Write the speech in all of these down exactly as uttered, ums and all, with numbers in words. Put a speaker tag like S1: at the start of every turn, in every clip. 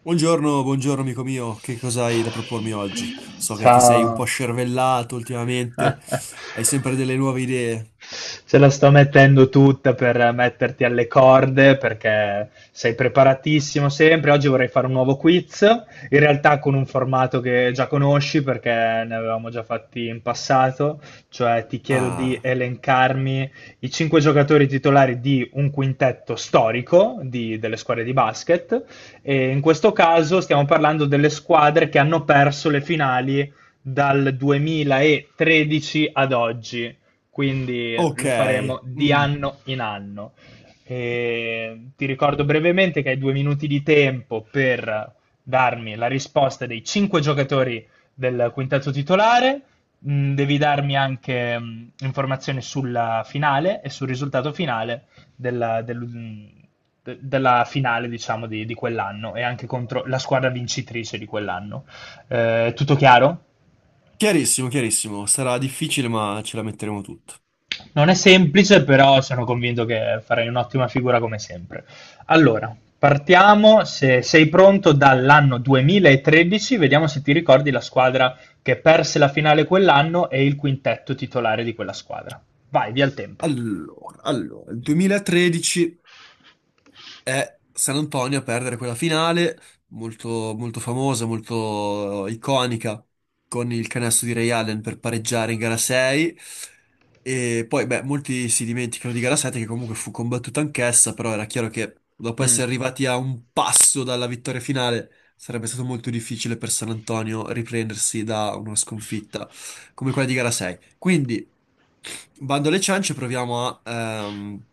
S1: Buongiorno, buongiorno amico mio, che cosa hai da propormi oggi? So che ti sei un po'
S2: Ciao.
S1: scervellato ultimamente, hai sempre delle nuove idee.
S2: Ce la sto mettendo tutta per metterti alle corde perché sei preparatissimo sempre. Oggi vorrei fare un nuovo quiz, in realtà con un formato che già conosci perché ne avevamo già fatti in passato, cioè ti chiedo di
S1: Ah,
S2: elencarmi i cinque giocatori titolari di un quintetto storico di- delle squadre di basket e in questo caso stiamo parlando delle squadre che hanno perso le finali dal duemilatredici ad oggi, quindi
S1: ok.
S2: lo faremo di
S1: Mm.
S2: anno in anno. E ti ricordo brevemente che hai due minuti di tempo per darmi la risposta dei cinque giocatori del quintetto titolare. Mm, Devi darmi anche mm, informazioni sulla finale e sul risultato finale della, del- mm, de- della finale, diciamo, di, di quell'anno e anche contro la squadra vincitrice di quell'anno. Eh, tutto chiaro?
S1: Chiarissimo, chiarissimo, sarà difficile ma ce la metteremo tutta.
S2: Non è semplice, però sono convinto che farai un'ottima figura come sempre. Allora, partiamo, se sei pronto, dall'anno duemilatredici, vediamo se ti ricordi la squadra che perse la finale quell'anno e il quintetto titolare di quella squadra. Vai, via il tempo.
S1: Allora, allora, il duemilatredici è San Antonio a perdere quella finale, molto, molto famosa, molto iconica, con il canestro di Ray Allen per pareggiare in gara sei. E poi, beh, molti si dimenticano di gara sette, che comunque fu combattuta anch'essa, però era chiaro che dopo
S2: Mm.
S1: essere arrivati a un passo dalla vittoria finale, sarebbe stato molto difficile per San Antonio riprendersi da una sconfitta come quella di gara sei. Quindi, bando alle ciance, proviamo a... ehm,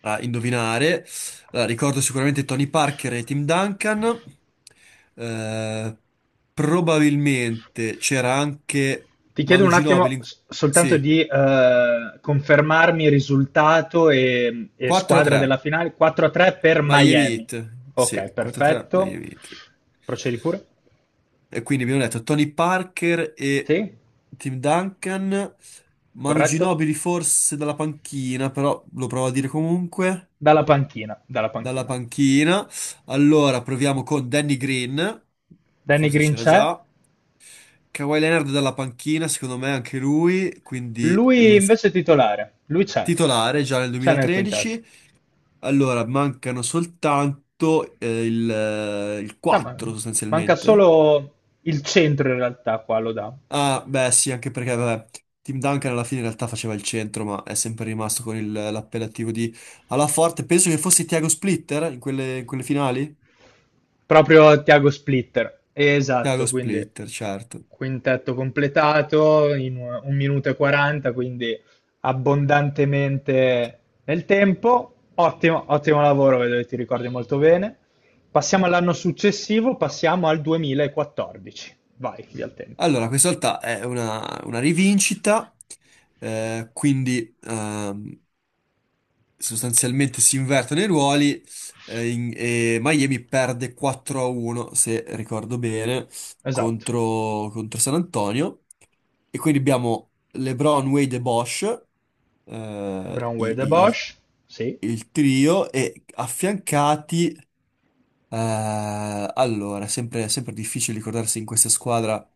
S1: a indovinare. Allora, ricordo sicuramente Tony Parker e Tim Duncan. Eh, Probabilmente c'era anche
S2: Ti chiedo
S1: Manu
S2: un
S1: Ginobili.
S2: attimo
S1: in-
S2: s- soltanto
S1: Sì,
S2: di eh, confermarmi il risultato e, e squadra della
S1: quattro tre
S2: finale, quattro a tre per
S1: Miami
S2: Miami.
S1: Heat.
S2: Ok,
S1: Sì, quattro a tre
S2: perfetto.
S1: Miami Heat.
S2: Procedi pure?
S1: E quindi abbiamo detto Tony Parker e
S2: Sì?
S1: Tim Duncan. Manu
S2: Corretto?
S1: Ginobili forse dalla panchina, però lo provo a dire comunque.
S2: Dalla panchina, dalla
S1: Dalla
S2: panchina.
S1: panchina. Allora proviamo con Danny Green,
S2: Danny
S1: forse
S2: Green
S1: c'era
S2: c'è,
S1: già. Kawhi Leonard dalla panchina, secondo me anche lui, quindi
S2: lui
S1: lo s-
S2: invece è titolare, lui c'è,
S1: titolare già nel
S2: c'è nel quintetto.
S1: duemilatredici. Allora mancano soltanto eh, il, eh, il
S2: Ah, ma-
S1: quattro
S2: manca
S1: sostanzialmente.
S2: solo il centro in realtà qua, lo dà.
S1: Ah, beh, sì, anche perché vabbè, Tim Duncan alla fine in realtà faceva il centro, ma è sempre rimasto con il- l'appellativo di alla forte. Penso che fosse Thiago Splitter in quelle, in quelle finali.
S2: Proprio Tiago Splitter,
S1: Thiago
S2: esatto, quindi
S1: Splitter, certo.
S2: quintetto completato in un un minuto e quaranta, quindi abbondantemente nel tempo. Ottimo, ottimo lavoro, vedo che ti ricordi molto bene. Passiamo all'anno successivo, passiamo al duemilaquattordici. Vai, via il tempo.
S1: Allora, questa volta è una, una rivincita, eh, quindi ehm, sostanzialmente si invertono i ruoli eh, in- e Miami perde quattro a uno, se ricordo bene,
S2: Esatto.
S1: contro, contro San Antonio. E quindi abbiamo LeBron, Wade e Bosch, eh,
S2: LeBron,
S1: i-
S2: Wade e
S1: i- il,
S2: Bosch? Sì.
S1: il trio, e affiancati, eh, allora, sempre, sempre difficile ricordarsi in questa squadra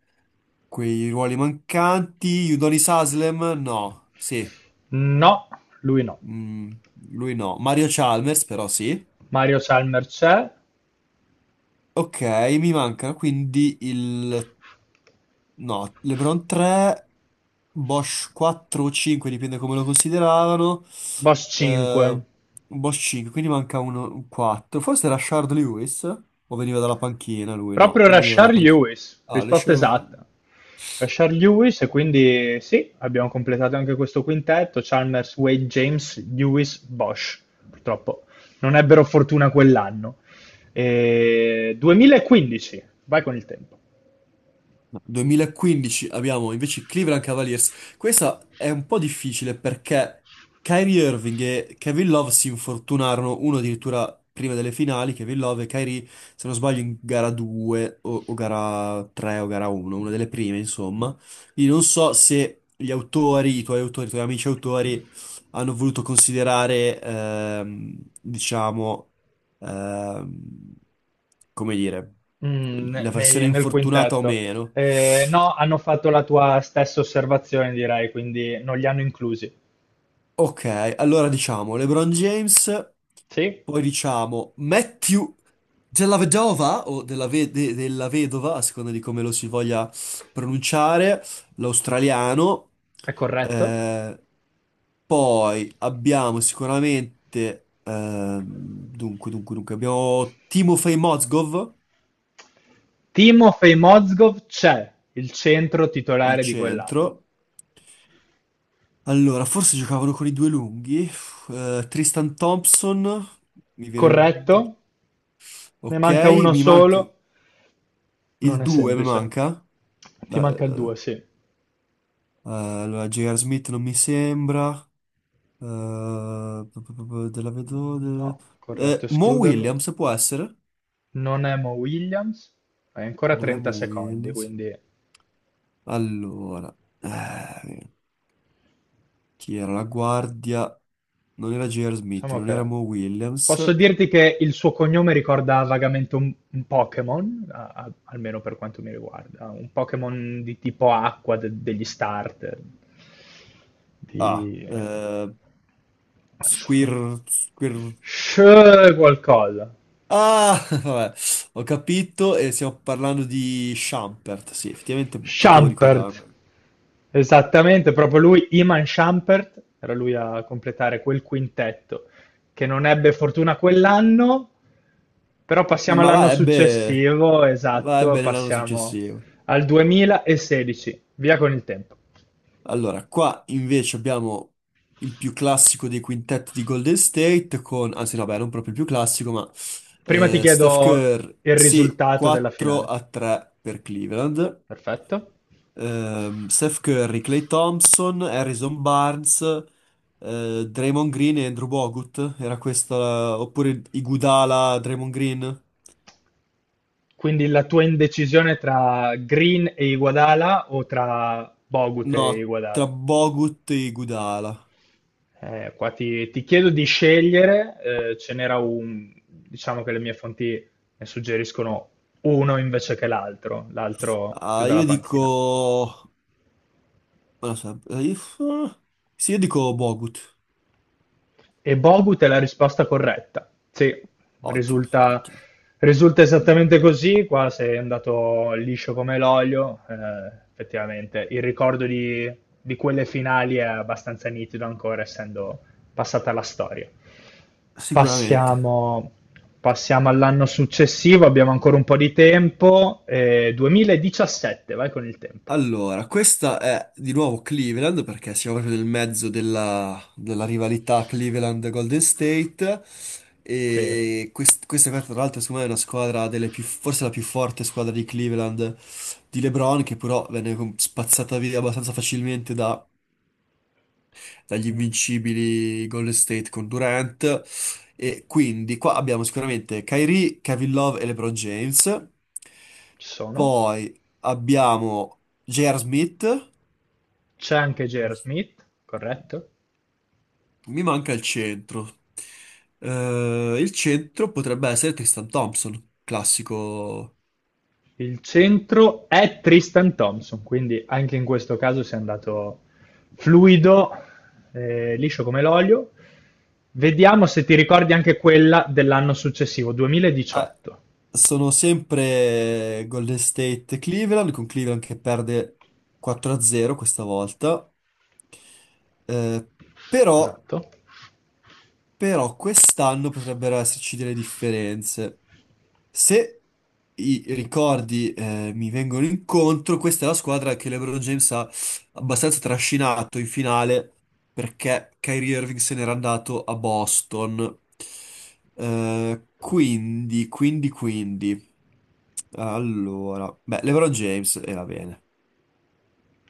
S1: quei ruoli mancanti. Udonis Haslem? No, sì.
S2: No, lui no.
S1: Mm, lui no. Mario Chalmers però sì.
S2: Mario Chalmers c'è.
S1: Ok, mi mancano quindi il... No, LeBron tre, Bosch quattro o cinque, dipende come lo consideravano.
S2: Bosch cinque.
S1: Eh, Bosch cinque, quindi manca uno, un quattro. Forse era Shard Lewis? O veniva dalla panchina lui? No,
S2: Proprio
S1: lui veniva dalla
S2: Rashard
S1: panchina.
S2: Lewis,
S1: Ah, le
S2: risposta
S1: scelte.
S2: esatta. Rashard Lewis, e quindi sì, abbiamo completato anche questo quintetto: Chalmers, Wade, James, Lewis, Bosch. Purtroppo non ebbero fortuna quell'anno. E duemilaquindici, vai con il tempo.
S1: No, duemilaquindici abbiamo invece i Cleveland Cavaliers. Questa è un po' difficile perché Kyrie Irving e Kevin Love si infortunarono, uno addirittura prima delle finali, Kevin Love e Kyrie, se non sbaglio, in gara due o, o gara tre o gara uno, una delle prime, insomma. Quindi non so se gli autori, i tuoi autori, i tuoi amici autori, hanno voluto considerare, ehm, diciamo, ehm, come dire,
S2: Mm, ne-
S1: la versione
S2: nei- nel
S1: infortunata o
S2: quintetto.
S1: meno.
S2: Eh, no, hanno fatto la tua stessa osservazione, direi, quindi non li hanno inclusi.
S1: Ok, allora diciamo LeBron James,
S2: Sì,
S1: poi diciamo Matthew della Vedova o della, ve- de- della Vedova, a seconda di come lo si voglia pronunciare, l'australiano.
S2: è corretto.
S1: Eh, Poi abbiamo sicuramente, ehm, dunque, dunque, dunque, abbiamo Timofey Mozgov,
S2: Timofey Mozgov c'è, il centro
S1: il
S2: titolare di quell'anno.
S1: centro. Allora, forse giocavano con i due lunghi. Eh, Tristan Thompson, mi viene
S2: Corretto,
S1: il...
S2: ne
S1: Ok,
S2: manca uno
S1: mi
S2: solo,
S1: manca...
S2: non
S1: Il
S2: è
S1: due mi
S2: semplice.
S1: manca.
S2: Ti
S1: La-
S2: manca il
S1: eh,
S2: due, sì.
S1: allora, J R. Smith non mi sembra. Eh, p- p- p- della Vedova...
S2: No, corretto,
S1: eh, Mo
S2: escluderlo.
S1: Williams può essere?
S2: Non è Mo Williams. Hai ancora
S1: Non è
S2: trenta
S1: Mo
S2: secondi,
S1: Williams.
S2: quindi
S1: Allora, eh, chi era la guardia? Non era J R. Smith,
S2: diciamo
S1: non era Mo
S2: che...
S1: Williams.
S2: Posso dirti che il suo cognome ricorda vagamente un, un, Pokémon, a- a- almeno per quanto mi riguarda, un Pokémon di tipo acqua de- degli starter,
S1: Ah,
S2: di... eh,
S1: eh,
S2: Sh...
S1: Squir...
S2: Sh qualcosa.
S1: Ah, vabbè, ho capito e stiamo parlando di Schampert. Sì, effettivamente potevo
S2: Shumpert,
S1: ricordarmene.
S2: esattamente, proprio lui, Iman Shumpert, era lui a completare quel quintetto che non ebbe fortuna quell'anno, però passiamo
S1: Ma
S2: all'anno
S1: la ebbe,
S2: successivo,
S1: la
S2: esatto,
S1: ebbe nell'anno
S2: passiamo
S1: successivo.
S2: al duemilasedici, via con il tempo.
S1: Allora, qua invece abbiamo il più classico dei quintetti di Golden State con, anzi no, beh, non proprio il più classico, ma
S2: Prima ti
S1: eh, Steph
S2: chiedo
S1: Curry,
S2: il
S1: sì,
S2: risultato della
S1: quattro
S2: finale.
S1: a tre per Cleveland.
S2: Perfetto.
S1: Ehm, Steph Curry, Klay Thompson, Harrison Barnes, eh, Draymond Green e Andrew Bogut. Era questa, oppure Iguodala, Draymond Green?
S2: Quindi la tua indecisione tra Green e Iguodala o tra Bogut e
S1: No, tra
S2: Iguodala?
S1: Bogut e Iguodala.
S2: Eh, qua ti, ti chiedo di scegliere, eh, ce n'era un, diciamo che le mie fonti ne suggeriscono uno invece che l'altro, l'altro più
S1: Ah,
S2: dalla
S1: io
S2: panchina.
S1: dico... non lo so, eh, sì, io dico Bogut.
S2: E Bogut è la risposta corretta. Sì,
S1: Ottimo,
S2: risulta,
S1: ottimo.
S2: risulta esattamente così. Qua sei andato liscio come l'olio. Eh, effettivamente, il ricordo di, di quelle finali è abbastanza nitido ancora, essendo passata la storia.
S1: Sicuramente.
S2: Passiamo, passiamo all'anno successivo, abbiamo ancora un po' di tempo. eh, duemiladiciassette, vai con il tempo.
S1: Allora, questa è di nuovo Cleveland perché siamo proprio nel mezzo della, della rivalità Cleveland-Golden State
S2: Sì.
S1: e quest- questa qua, tra l'altro secondo me è una squadra delle più, forse la più forte squadra di Cleveland di LeBron che però venne com- spazzata via abbastanza facilmente da- dagli
S2: Mm,
S1: invincibili Golden State con Durant. E quindi qua abbiamo sicuramente Kyrie, Kevin Love e LeBron James,
S2: Ci sono.
S1: poi abbiamo J R. Smith.
S2: C'è anche J R.
S1: Giusto.
S2: Smith, corretto?
S1: Mi manca il centro. Eh, il centro potrebbe essere Tristan Thompson, classico.
S2: Il centro è Tristan Thompson, quindi anche in questo caso si è andato fluido, eh, liscio come l'olio. Vediamo se ti ricordi anche quella dell'anno successivo,
S1: Ah,
S2: duemiladiciotto.
S1: sono sempre Golden State Cleveland, con Cleveland che perde quattro a zero questa volta. Eh, però
S2: Esatto.
S1: Però quest'anno potrebbero esserci delle differenze. Se i ricordi, eh, mi vengono incontro, questa è la squadra che LeBron James ha abbastanza trascinato in finale perché Kyrie Irving se n'era andato a Boston. Eh, quindi, quindi, quindi. Allora, beh, LeBron James era bene.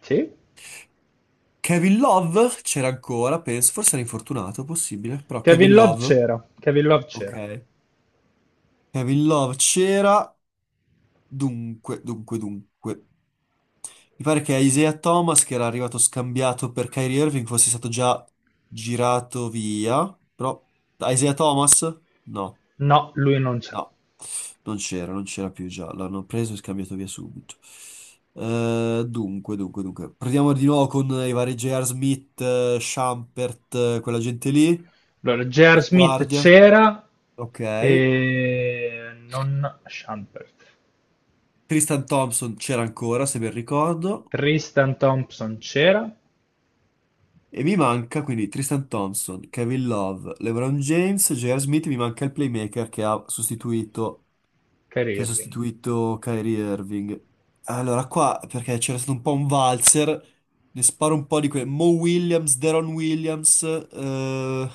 S2: Sì.
S1: Kevin Love c'era ancora, penso, forse era infortunato, possibile, però
S2: Kevin
S1: Kevin
S2: Love
S1: Love,
S2: c'era. Kevin Love c'era.
S1: ok. Kevin Love c'era. Dunque, dunque, dunque. Mi pare che Isaiah Thomas, che era arrivato scambiato per Kyrie Irving, fosse stato già girato via. Però Isaiah Thomas? No,
S2: No, lui non c'è.
S1: no, non c'era, non c'era più già. L'hanno preso e scambiato via subito. Eh, dunque, dunque, dunque. Proviamo di nuovo con i vari J R. Smith, eh, Shumpert, eh, quella gente lì,
S2: Allora, J R.
S1: in
S2: Smith
S1: guardia.
S2: c'era
S1: Ok.
S2: e non Shumpert.
S1: Tristan Thompson c'era ancora, se ben ricordo.
S2: Tristan Thompson c'era.
S1: E mi manca quindi Tristan Thompson, Kevin Love, LeBron James, J R. Smith, mi manca il playmaker che ha sostituito,
S2: Kyrie
S1: che ha
S2: Irving.
S1: sostituito Kyrie Irving. Allora qua, perché c'era stato un po' un valzer, ne sparo un po' di quelle. Mo Williams, Deron Williams, eh,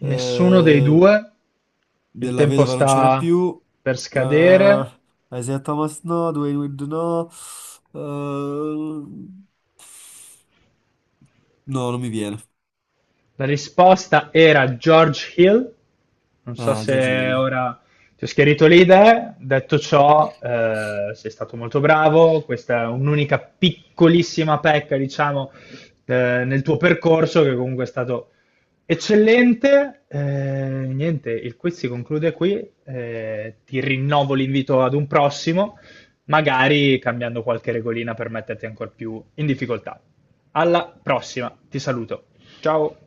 S2: Nessuno dei
S1: eh,
S2: due? Il
S1: della
S2: tempo
S1: vedova non c'era
S2: sta
S1: più,
S2: per
S1: eh,
S2: scadere.
S1: Isaiah Thomas no, Dwayne Wade no, eh, no, non mi viene.
S2: La risposta era George Hill. Non so
S1: Ah, George
S2: se
S1: Hill.
S2: ora ti ho schiarito le idee. Detto ciò, eh, sei stato molto bravo. Questa è un'unica piccolissima pecca, diciamo, eh, nel tuo percorso, che comunque è stato eccellente. Eh, niente, il quiz si conclude qui. Eh, ti rinnovo l'invito ad un prossimo, magari cambiando qualche regolina per metterti ancora più in difficoltà. Alla prossima, ti saluto. Ciao.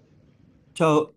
S1: Ciao.